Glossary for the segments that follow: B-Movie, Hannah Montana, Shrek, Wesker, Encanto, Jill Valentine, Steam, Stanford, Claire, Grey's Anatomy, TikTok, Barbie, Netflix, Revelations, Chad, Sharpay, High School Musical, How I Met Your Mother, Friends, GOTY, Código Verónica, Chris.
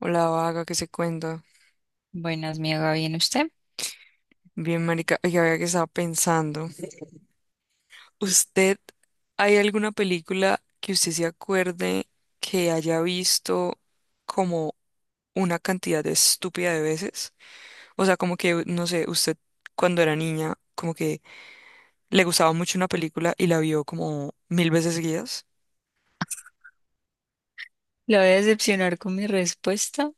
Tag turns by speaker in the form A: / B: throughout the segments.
A: Hola, vaga, ¿qué se cuenta?
B: Buenas, mi Eva, ¿bien usted?
A: Bien, marica. Oiga, vea que estaba pensando. ¿Usted, ¿Hay alguna película que usted se acuerde que haya visto como una cantidad de estúpida de veces? O sea, como que, no sé, usted cuando era niña, como que le gustaba mucho una película y la vio como mil veces seguidas.
B: La voy a decepcionar con mi respuesta,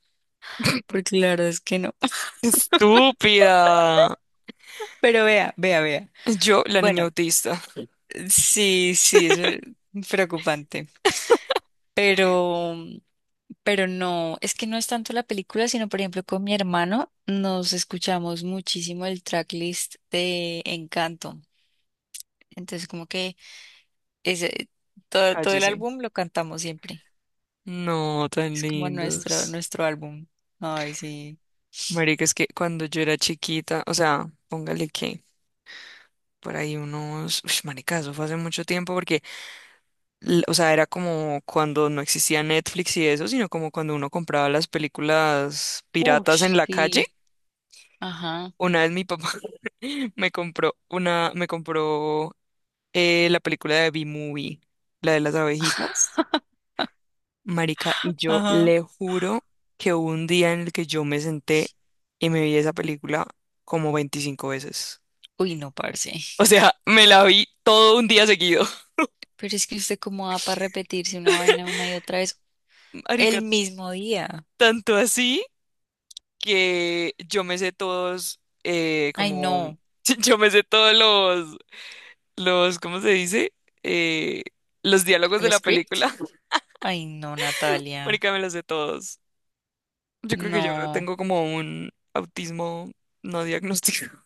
B: porque la verdad es que no.
A: ¡Estúpida!
B: Pero vea.
A: Yo, la niña
B: Bueno,
A: autista.
B: sí, sí, eso es preocupante. Pero, pero no, es que no es tanto la película, sino por ejemplo con mi hermano nos escuchamos muchísimo el tracklist de Encanto. Entonces, como que ese, todo el
A: Cállese.
B: álbum lo cantamos siempre.
A: No, tan
B: Es como
A: lindos.
B: nuestro álbum. Ay, sí.
A: Marica, es que cuando yo era chiquita, o sea, póngale que por ahí unos, uy, marica, eso fue hace mucho tiempo porque, o sea, era como cuando no existía Netflix y eso, sino como cuando uno compraba las películas
B: Uf,
A: piratas en la calle.
B: sí. Ajá.
A: Una vez mi papá me compró la película de B-Movie, la de las abejitas, marica, y yo
B: Ajá.
A: le juro que hubo un día en el que yo me senté y me vi esa película como 25 veces.
B: Uy, no, parce.
A: O sea, me la vi todo un día seguido.
B: Pero es que usted cómo va para repetirse una vaina una y otra vez
A: Marica,
B: el mismo día.
A: tanto así que yo me sé todos,
B: Ay,
A: como,
B: no.
A: yo me sé todos los, ¿cómo se dice? Eh, los
B: ¿Como
A: diálogos de
B: el
A: la
B: script?
A: película.
B: Ay, no, Natalia.
A: Marica, me los sé todos. Yo creo que yo
B: No.
A: tengo como un autismo no diagnosticado.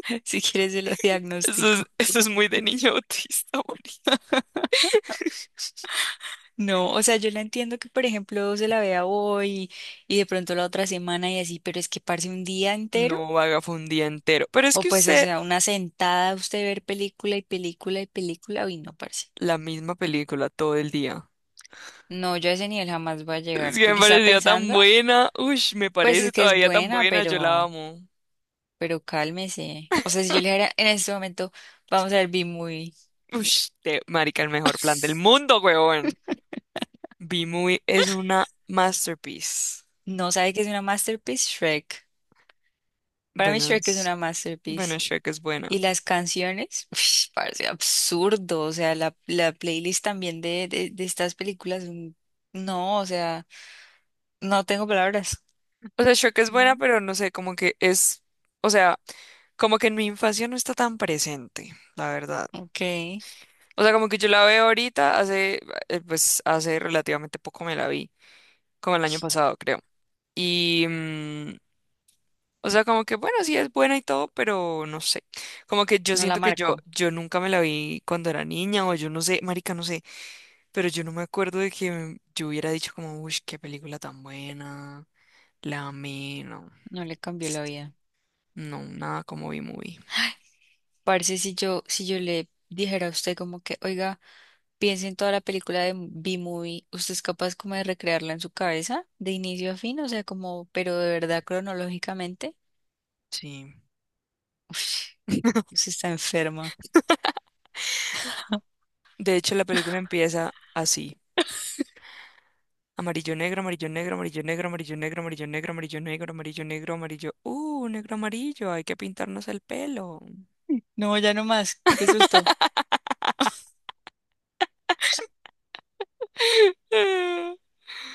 B: Si quieres, se lo
A: Eso es,
B: diagnostico.
A: eso es muy de niño autista, marica.
B: No, o sea, yo la entiendo que, por ejemplo, se la vea hoy y de pronto la otra semana y así, pero es que parce un día entero.
A: No vaga, fue un día entero.
B: O pues, o sea, una sentada, usted ver película y película y película. Uy, no, parce.
A: La misma película todo el día.
B: No, yo a ese nivel jamás voy a
A: Es
B: llegar.
A: que me
B: Porque estaba
A: pareció tan
B: pensando,
A: buena. Uy, me
B: pues
A: parece
B: es que es
A: todavía tan
B: buena,
A: buena. Yo la
B: pero.
A: amo.
B: Pero cálmese. O sea, si yo le dijera en este momento, vamos a ver B-Movie,
A: Uy, marica, el mejor plan del mundo, huevón. B-Movie es una masterpiece.
B: no sabe que es una masterpiece, Shrek. Para mí
A: Bueno,
B: Shrek es
A: es-
B: una masterpiece.
A: bueno, Shrek es
B: Y
A: buena.
B: las canciones, parece absurdo. O sea, la playlist también de estas películas, no, o sea, no tengo palabras.
A: O sea, Shrek es buena,
B: Mm.
A: pero no sé, como que es, o sea, como que en mi infancia no está tan presente, la verdad.
B: Ok,
A: O sea, como que yo la veo ahorita, pues hace relativamente poco me la vi, como el año pasado, creo. Y, mm, O sea, como que bueno, sí es buena y todo, pero no sé. Como que yo
B: no la
A: siento que yo,
B: marco,
A: yo nunca me la vi cuando era niña, o yo no sé, marica, no sé, pero yo no me acuerdo de que yo hubiera dicho como, uy, qué película tan buena, la amé, no,
B: no le cambió la vida.
A: no, nada como vi movie.
B: Parce, si yo le dijera a usted como que, oiga, piense en toda la película de B-Movie, ¿usted es capaz como de recrearla en su cabeza, de inicio a fin? O sea, como, pero de verdad cronológicamente,
A: Sí.
B: usted está enferma.
A: De hecho, la película empieza así. Amarillo, negro, amarillo, negro, amarillo, negro, amarillo, negro, amarillo, negro, amarillo, negro, amarillo, negro, amarillo. Negro, amarillo, hay que pintarnos el pelo.
B: No, ya no más, qué susto.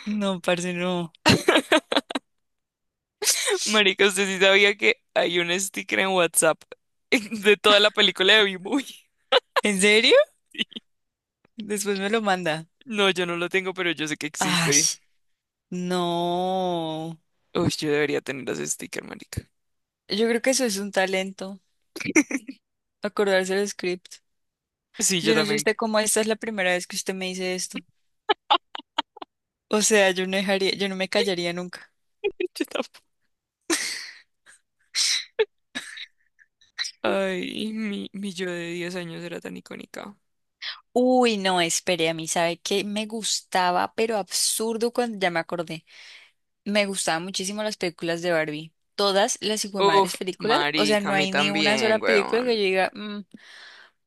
B: No, parce, no.
A: Marica, usted sí sabía que hay un sticker en WhatsApp de toda la película de B-Movie.
B: ¿En serio? Después me lo manda.
A: No, yo no lo tengo, pero yo sé que
B: Ay,
A: existe.
B: no.
A: Uy, yo debería tener ese sticker, marica.
B: Yo creo que eso es un talento, acordarse del script.
A: Sí, yo
B: Yo no sé
A: también.
B: usted cómo esta es la primera vez que usted me dice esto. O sea, yo no dejaría, yo no me callaría nunca.
A: Yo tampoco. Ay, mi yo de 10 años era tan icónica.
B: Uy, no, espere, a mí sabe que me gustaba, pero absurdo cuando ya me acordé. Me gustaban muchísimo las películas de Barbie. Todas las hijuemadres
A: Uf,
B: películas, o sea,
A: marica, a
B: no
A: mí
B: hay ni una sola
A: también,
B: película
A: weón.
B: que yo diga, "Mm,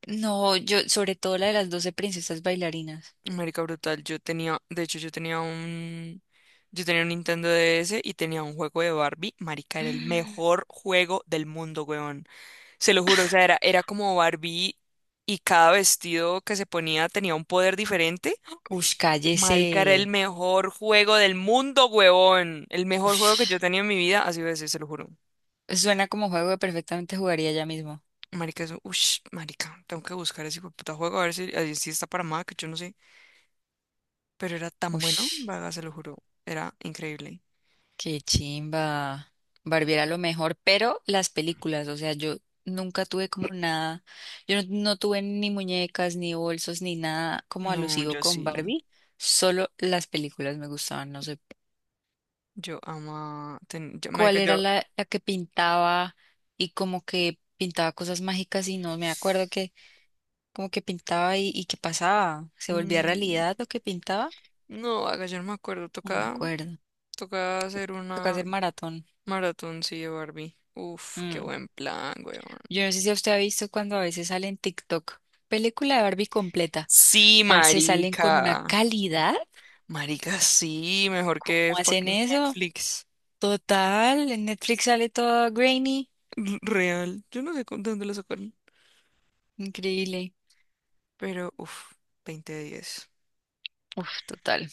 B: no, yo, sobre todo la de las 12 princesas bailarinas".
A: Marica brutal, de hecho yo tenía un Nintendo DS y tenía un juego de Barbie, marica, era el mejor juego del mundo, weón. Se lo juro, o sea, era como Barbie y cada vestido que se ponía tenía un poder diferente.
B: Ush, cállese.
A: Marica, era el mejor juego del mundo, huevón. El mejor juego que yo
B: Ush,
A: tenía en mi vida, así veces, se lo juro.
B: suena como juego que perfectamente jugaría ya mismo.
A: Marica, eso, ush, marica, tengo que buscar ese puta juego a ver si está para Mac, yo no sé. Pero era tan bueno,
B: Ush.
A: vaga, se lo juro. Era increíble.
B: Qué chimba. Barbie era lo mejor, pero las películas, o sea, yo nunca tuve como nada, yo no, no tuve ni muñecas, ni bolsos, ni nada como
A: No,
B: alusivo
A: yo
B: con
A: sí.
B: Barbie, solo las películas me gustaban, no sé
A: Yo ama. Yo, marica,
B: cuál era
A: yo.
B: la que pintaba y como que pintaba cosas mágicas y no me acuerdo que como que pintaba y qué pasaba, se volvía
A: mm,
B: realidad lo que pintaba,
A: no, haga, yo no me acuerdo.
B: no me
A: Toca,
B: acuerdo,
A: toca hacer
B: toca
A: una
B: hacer maratón.
A: maratón, sí, de Barbie. Uf, qué
B: Mm.
A: buen plan, weón.
B: Yo no sé si usted ha visto cuando a veces sale en TikTok, película de Barbie completa.
A: Sí,
B: Parce, salen con una
A: marica.
B: calidad.
A: Marica, sí. Mejor que
B: ¿Cómo hacen
A: fucking
B: eso?
A: Netflix.
B: Total, en Netflix sale todo grainy.
A: Real. Yo no sé dónde lo sacaron.
B: Increíble.
A: Pero, uf, 20 de 10.
B: Uf, total.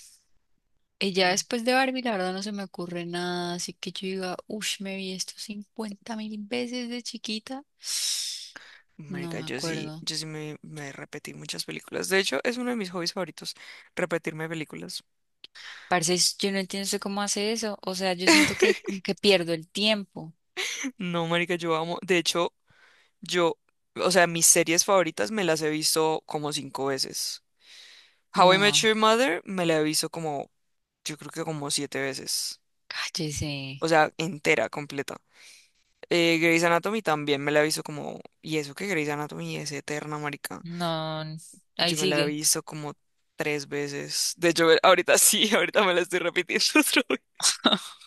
B: Y ya
A: Mm.
B: después de Barbie, la verdad no se me ocurre nada. Así que yo diga, uff, me vi esto 50 000 veces de chiquita. No
A: Marica,
B: me
A: yo sí,
B: acuerdo.
A: yo sí me repetí muchas películas. De hecho, es uno de mis hobbies favoritos, repetirme películas.
B: Parce, es- yo no entiendo usted cómo hace eso. O sea, yo siento que como que pierdo el tiempo.
A: No, marica, yo amo. De hecho, yo, o sea, mis series favoritas me las he visto como cinco veces. How I Met
B: No,
A: Your Mother me la he visto como, yo creo que como siete veces. O
B: cállese.
A: sea, entera, completa. Grey's Anatomy también me la he visto como, y eso que Grey's Anatomy es eterna, marica.
B: No,
A: Pues
B: ahí
A: yo me la he
B: sigue.
A: visto como tres veces. De hecho, ahorita sí, ahorita me la estoy repitiendo otra vez.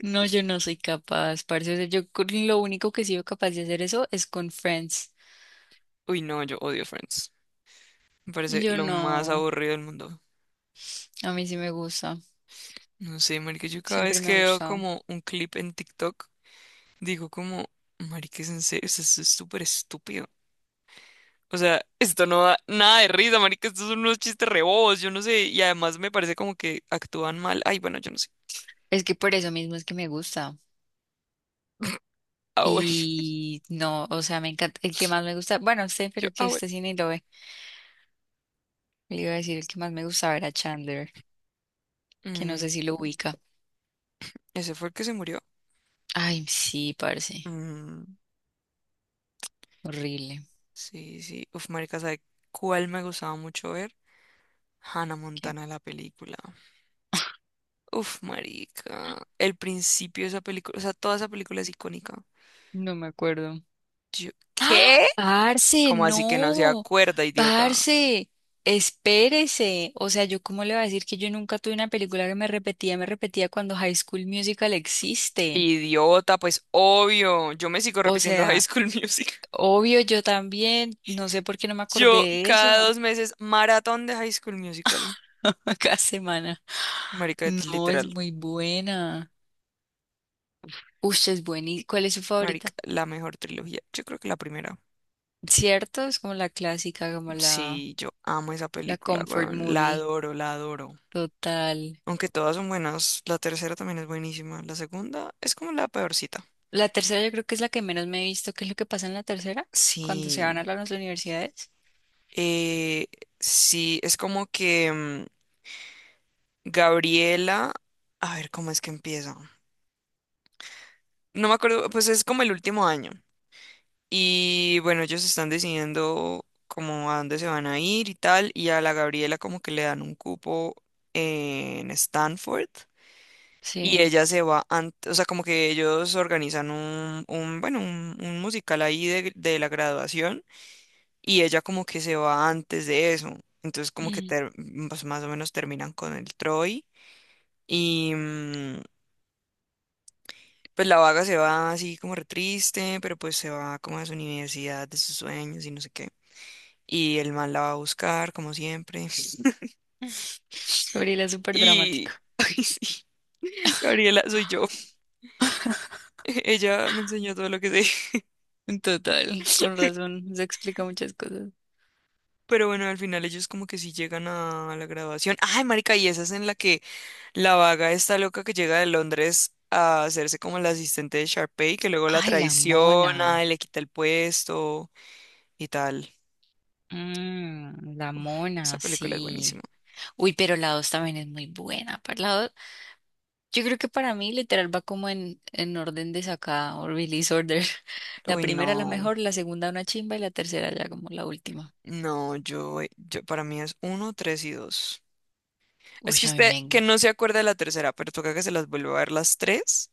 B: No, yo no soy capaz, parce. O sea, yo con- lo único que he sido capaz de hacer eso es con Friends.
A: Uy, no, yo odio Friends. Me parece
B: Yo
A: lo más
B: no,
A: aburrido del mundo.
B: a mí sí me gusta,
A: No sé, marica, yo cada vez
B: siempre me
A: que
B: ha
A: veo
B: gustado.
A: como un clip en TikTok, digo como, marica, es en serio, esto es súper estúpido. O sea, esto no da nada de risa, marica, estos son unos chistes rebobos, yo no sé, y además me parece como que actúan mal. Ay, bueno, yo no sé.
B: Es que por eso mismo es que me gusta.
A: Ah, bueno,
B: Y no, o sea, me encanta. El que más me gusta, bueno, sé,
A: yo,
B: pero que
A: ah, bueno.
B: usted sí ni lo ve. Le iba a decir el que más me gustaba era Chandler, que no sé
A: Mm,
B: si lo ubica.
A: ¿Ese fue el que se murió?
B: Ay, sí, parce,
A: Mm,
B: horrible.
A: sí, sí. Uf, marica, ¿sabe cuál me gustaba mucho ver? Hannah
B: ¿Qué?
A: Montana, la película. Uf, marica, el principio de esa película, o sea, toda esa película es icónica.
B: No me acuerdo.
A: Yo,
B: ¡Ah!
A: ¿qué?
B: Parce,
A: ¿Cómo así que no se
B: no,
A: acuerda, idiota?
B: parce, espérese. O sea, yo cómo le voy a decir que yo nunca tuve una película que me repetía cuando High School Musical existe.
A: Idiota, pues obvio. Yo me sigo
B: O
A: repitiendo High
B: sea,
A: School Musical.
B: obvio, yo también, no sé por qué no me acordé
A: Yo
B: de
A: cada
B: eso
A: 2 meses maratón de High School Musical.
B: cada semana.
A: Marica, es
B: No, es
A: literal.
B: muy buena. Uy, es buena. ¿Y cuál es su
A: Marica,
B: favorita?
A: la mejor trilogía. Yo creo que la primera.
B: ¿Cierto? Es como la clásica, como la,
A: Sí, yo amo esa
B: la
A: película,
B: comfort
A: weón. La
B: movie.
A: adoro, la adoro.
B: Total.
A: Aunque todas son buenas, la tercera también es buenísima. La segunda es como la peorcita.
B: La tercera yo creo que es la que menos me he visto. ¿Qué es lo que pasa en la tercera? Cuando se
A: Sí.
B: van a las universidades.
A: Eh, sí, es como que Gabriela. A ver, ¿cómo es que empieza? No me acuerdo, pues es como el último año. Y bueno, ellos están decidiendo como a dónde se van a ir y tal. Y a la Gabriela como que le dan un cupo en Stanford. Y
B: Sí.
A: ella se va, o sea, como que ellos organizan un musical ahí de la graduación. Y ella como que se va antes de eso. Entonces como que
B: Mm.
A: pues, más o menos terminan con el Troy. Y, mm, Pues la vaga se va así como re triste, pero pues se va como a su universidad de sus sueños y no sé qué. Y el man la va a buscar, como siempre.
B: Gabriela es súper
A: Y...
B: dramático.
A: Ay, sí, Gabriela, soy yo. Ella me enseñó todo lo que sé.
B: En total, con razón. Se explica muchas cosas.
A: Pero bueno, al final ellos como que sí llegan a la graduación. Ay, marica, y esa es en la que la vaga está loca que llega de Londres a hacerse como la asistente de Sharpay, que luego la
B: Ay, la mona.
A: traiciona y le quita el puesto y tal.
B: Mm, la
A: Esa
B: mona,
A: película es buenísima.
B: sí. Uy, pero la dos también es muy buena. Para la dos, yo creo que para mí literal va como en orden de sacada o release order. La
A: Uy,
B: primera la
A: no.
B: mejor, la segunda una chimba y la tercera ya como la última.
A: No, yo para mí es uno, tres y dos. Es
B: Uy,
A: que
B: a mí
A: usted
B: me
A: que no se acuerda de la tercera, pero toca que se las vuelva a ver las tres.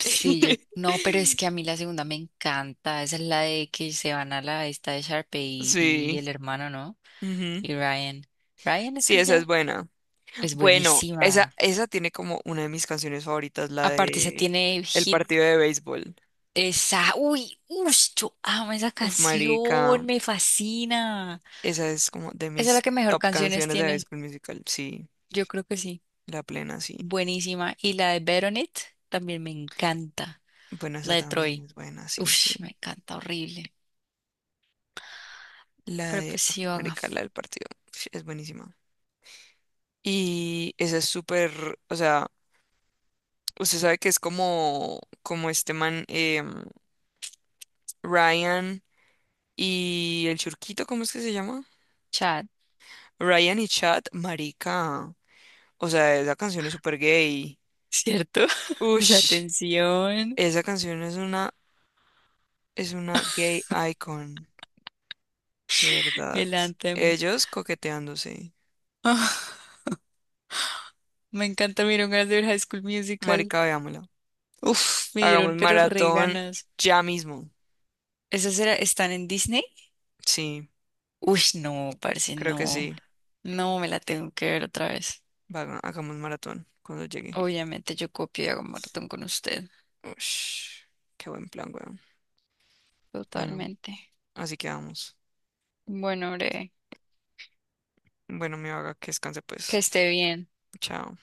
B: sí, yo no, pero es que a mí la segunda me encanta. Esa es la de que se van a la esta de Sharpay y, y
A: Sí.
B: el hermano, ¿no?
A: Ujú.
B: Y Ryan. Ryan es
A: Sí,
B: que se
A: esa es
B: llama.
A: buena.
B: Es
A: Bueno, esa,
B: buenísima.
A: esa tiene como una de mis canciones favoritas, la
B: Aparte, esa
A: de
B: tiene
A: el
B: hit.
A: partido de béisbol.
B: Esa. Uy, ush, yo amo esa
A: Uf, marica,
B: canción. Me fascina.
A: esa es como de
B: Esa es la
A: mis
B: que mejor
A: top
B: canciones
A: canciones de
B: tiene.
A: béisbol musical. Sí,
B: Yo creo que sí.
A: la plena, sí.
B: Buenísima. Y la de Bet on It también me encanta.
A: Bueno,
B: La
A: esa
B: de
A: también
B: Troy.
A: es buena, sí, sí.
B: Ush, me encanta. Horrible. Pero pues
A: Uf,
B: sí, vaga.
A: marica, la del partido, uf, es buenísima. Y esa es súper, o sea, usted sabe que es como este man, Ryan y el churquito, ¿cómo es que se llama?
B: Chat.
A: Ryan y Chad, marica. O sea, esa canción es súper gay.
B: ¿Cierto? La
A: Ush,
B: tensión,
A: esa canción es una, gay icon, de verdad.
B: el anthem.
A: Ellos coqueteándose.
B: Ah, me encanta, me dieron ganas de ver High School Musical.
A: Marica, veámosla.
B: Uf, me dieron
A: Hagamos
B: pero re
A: maratón
B: ganas.
A: ya mismo.
B: ¿Esas era, están en Disney?
A: Sí,
B: Uy, no, parece
A: creo que
B: no.
A: sí.
B: No, me la tengo que ver otra vez.
A: Hagamos maratón cuando llegue.
B: Obviamente yo copio y hago maratón con usted.
A: Ush, qué buen plan, weón. Bueno,
B: Totalmente.
A: así quedamos.
B: Bueno, hombre,
A: Bueno, mi vaga, que descanse
B: que
A: pues.
B: esté bien.
A: Chao.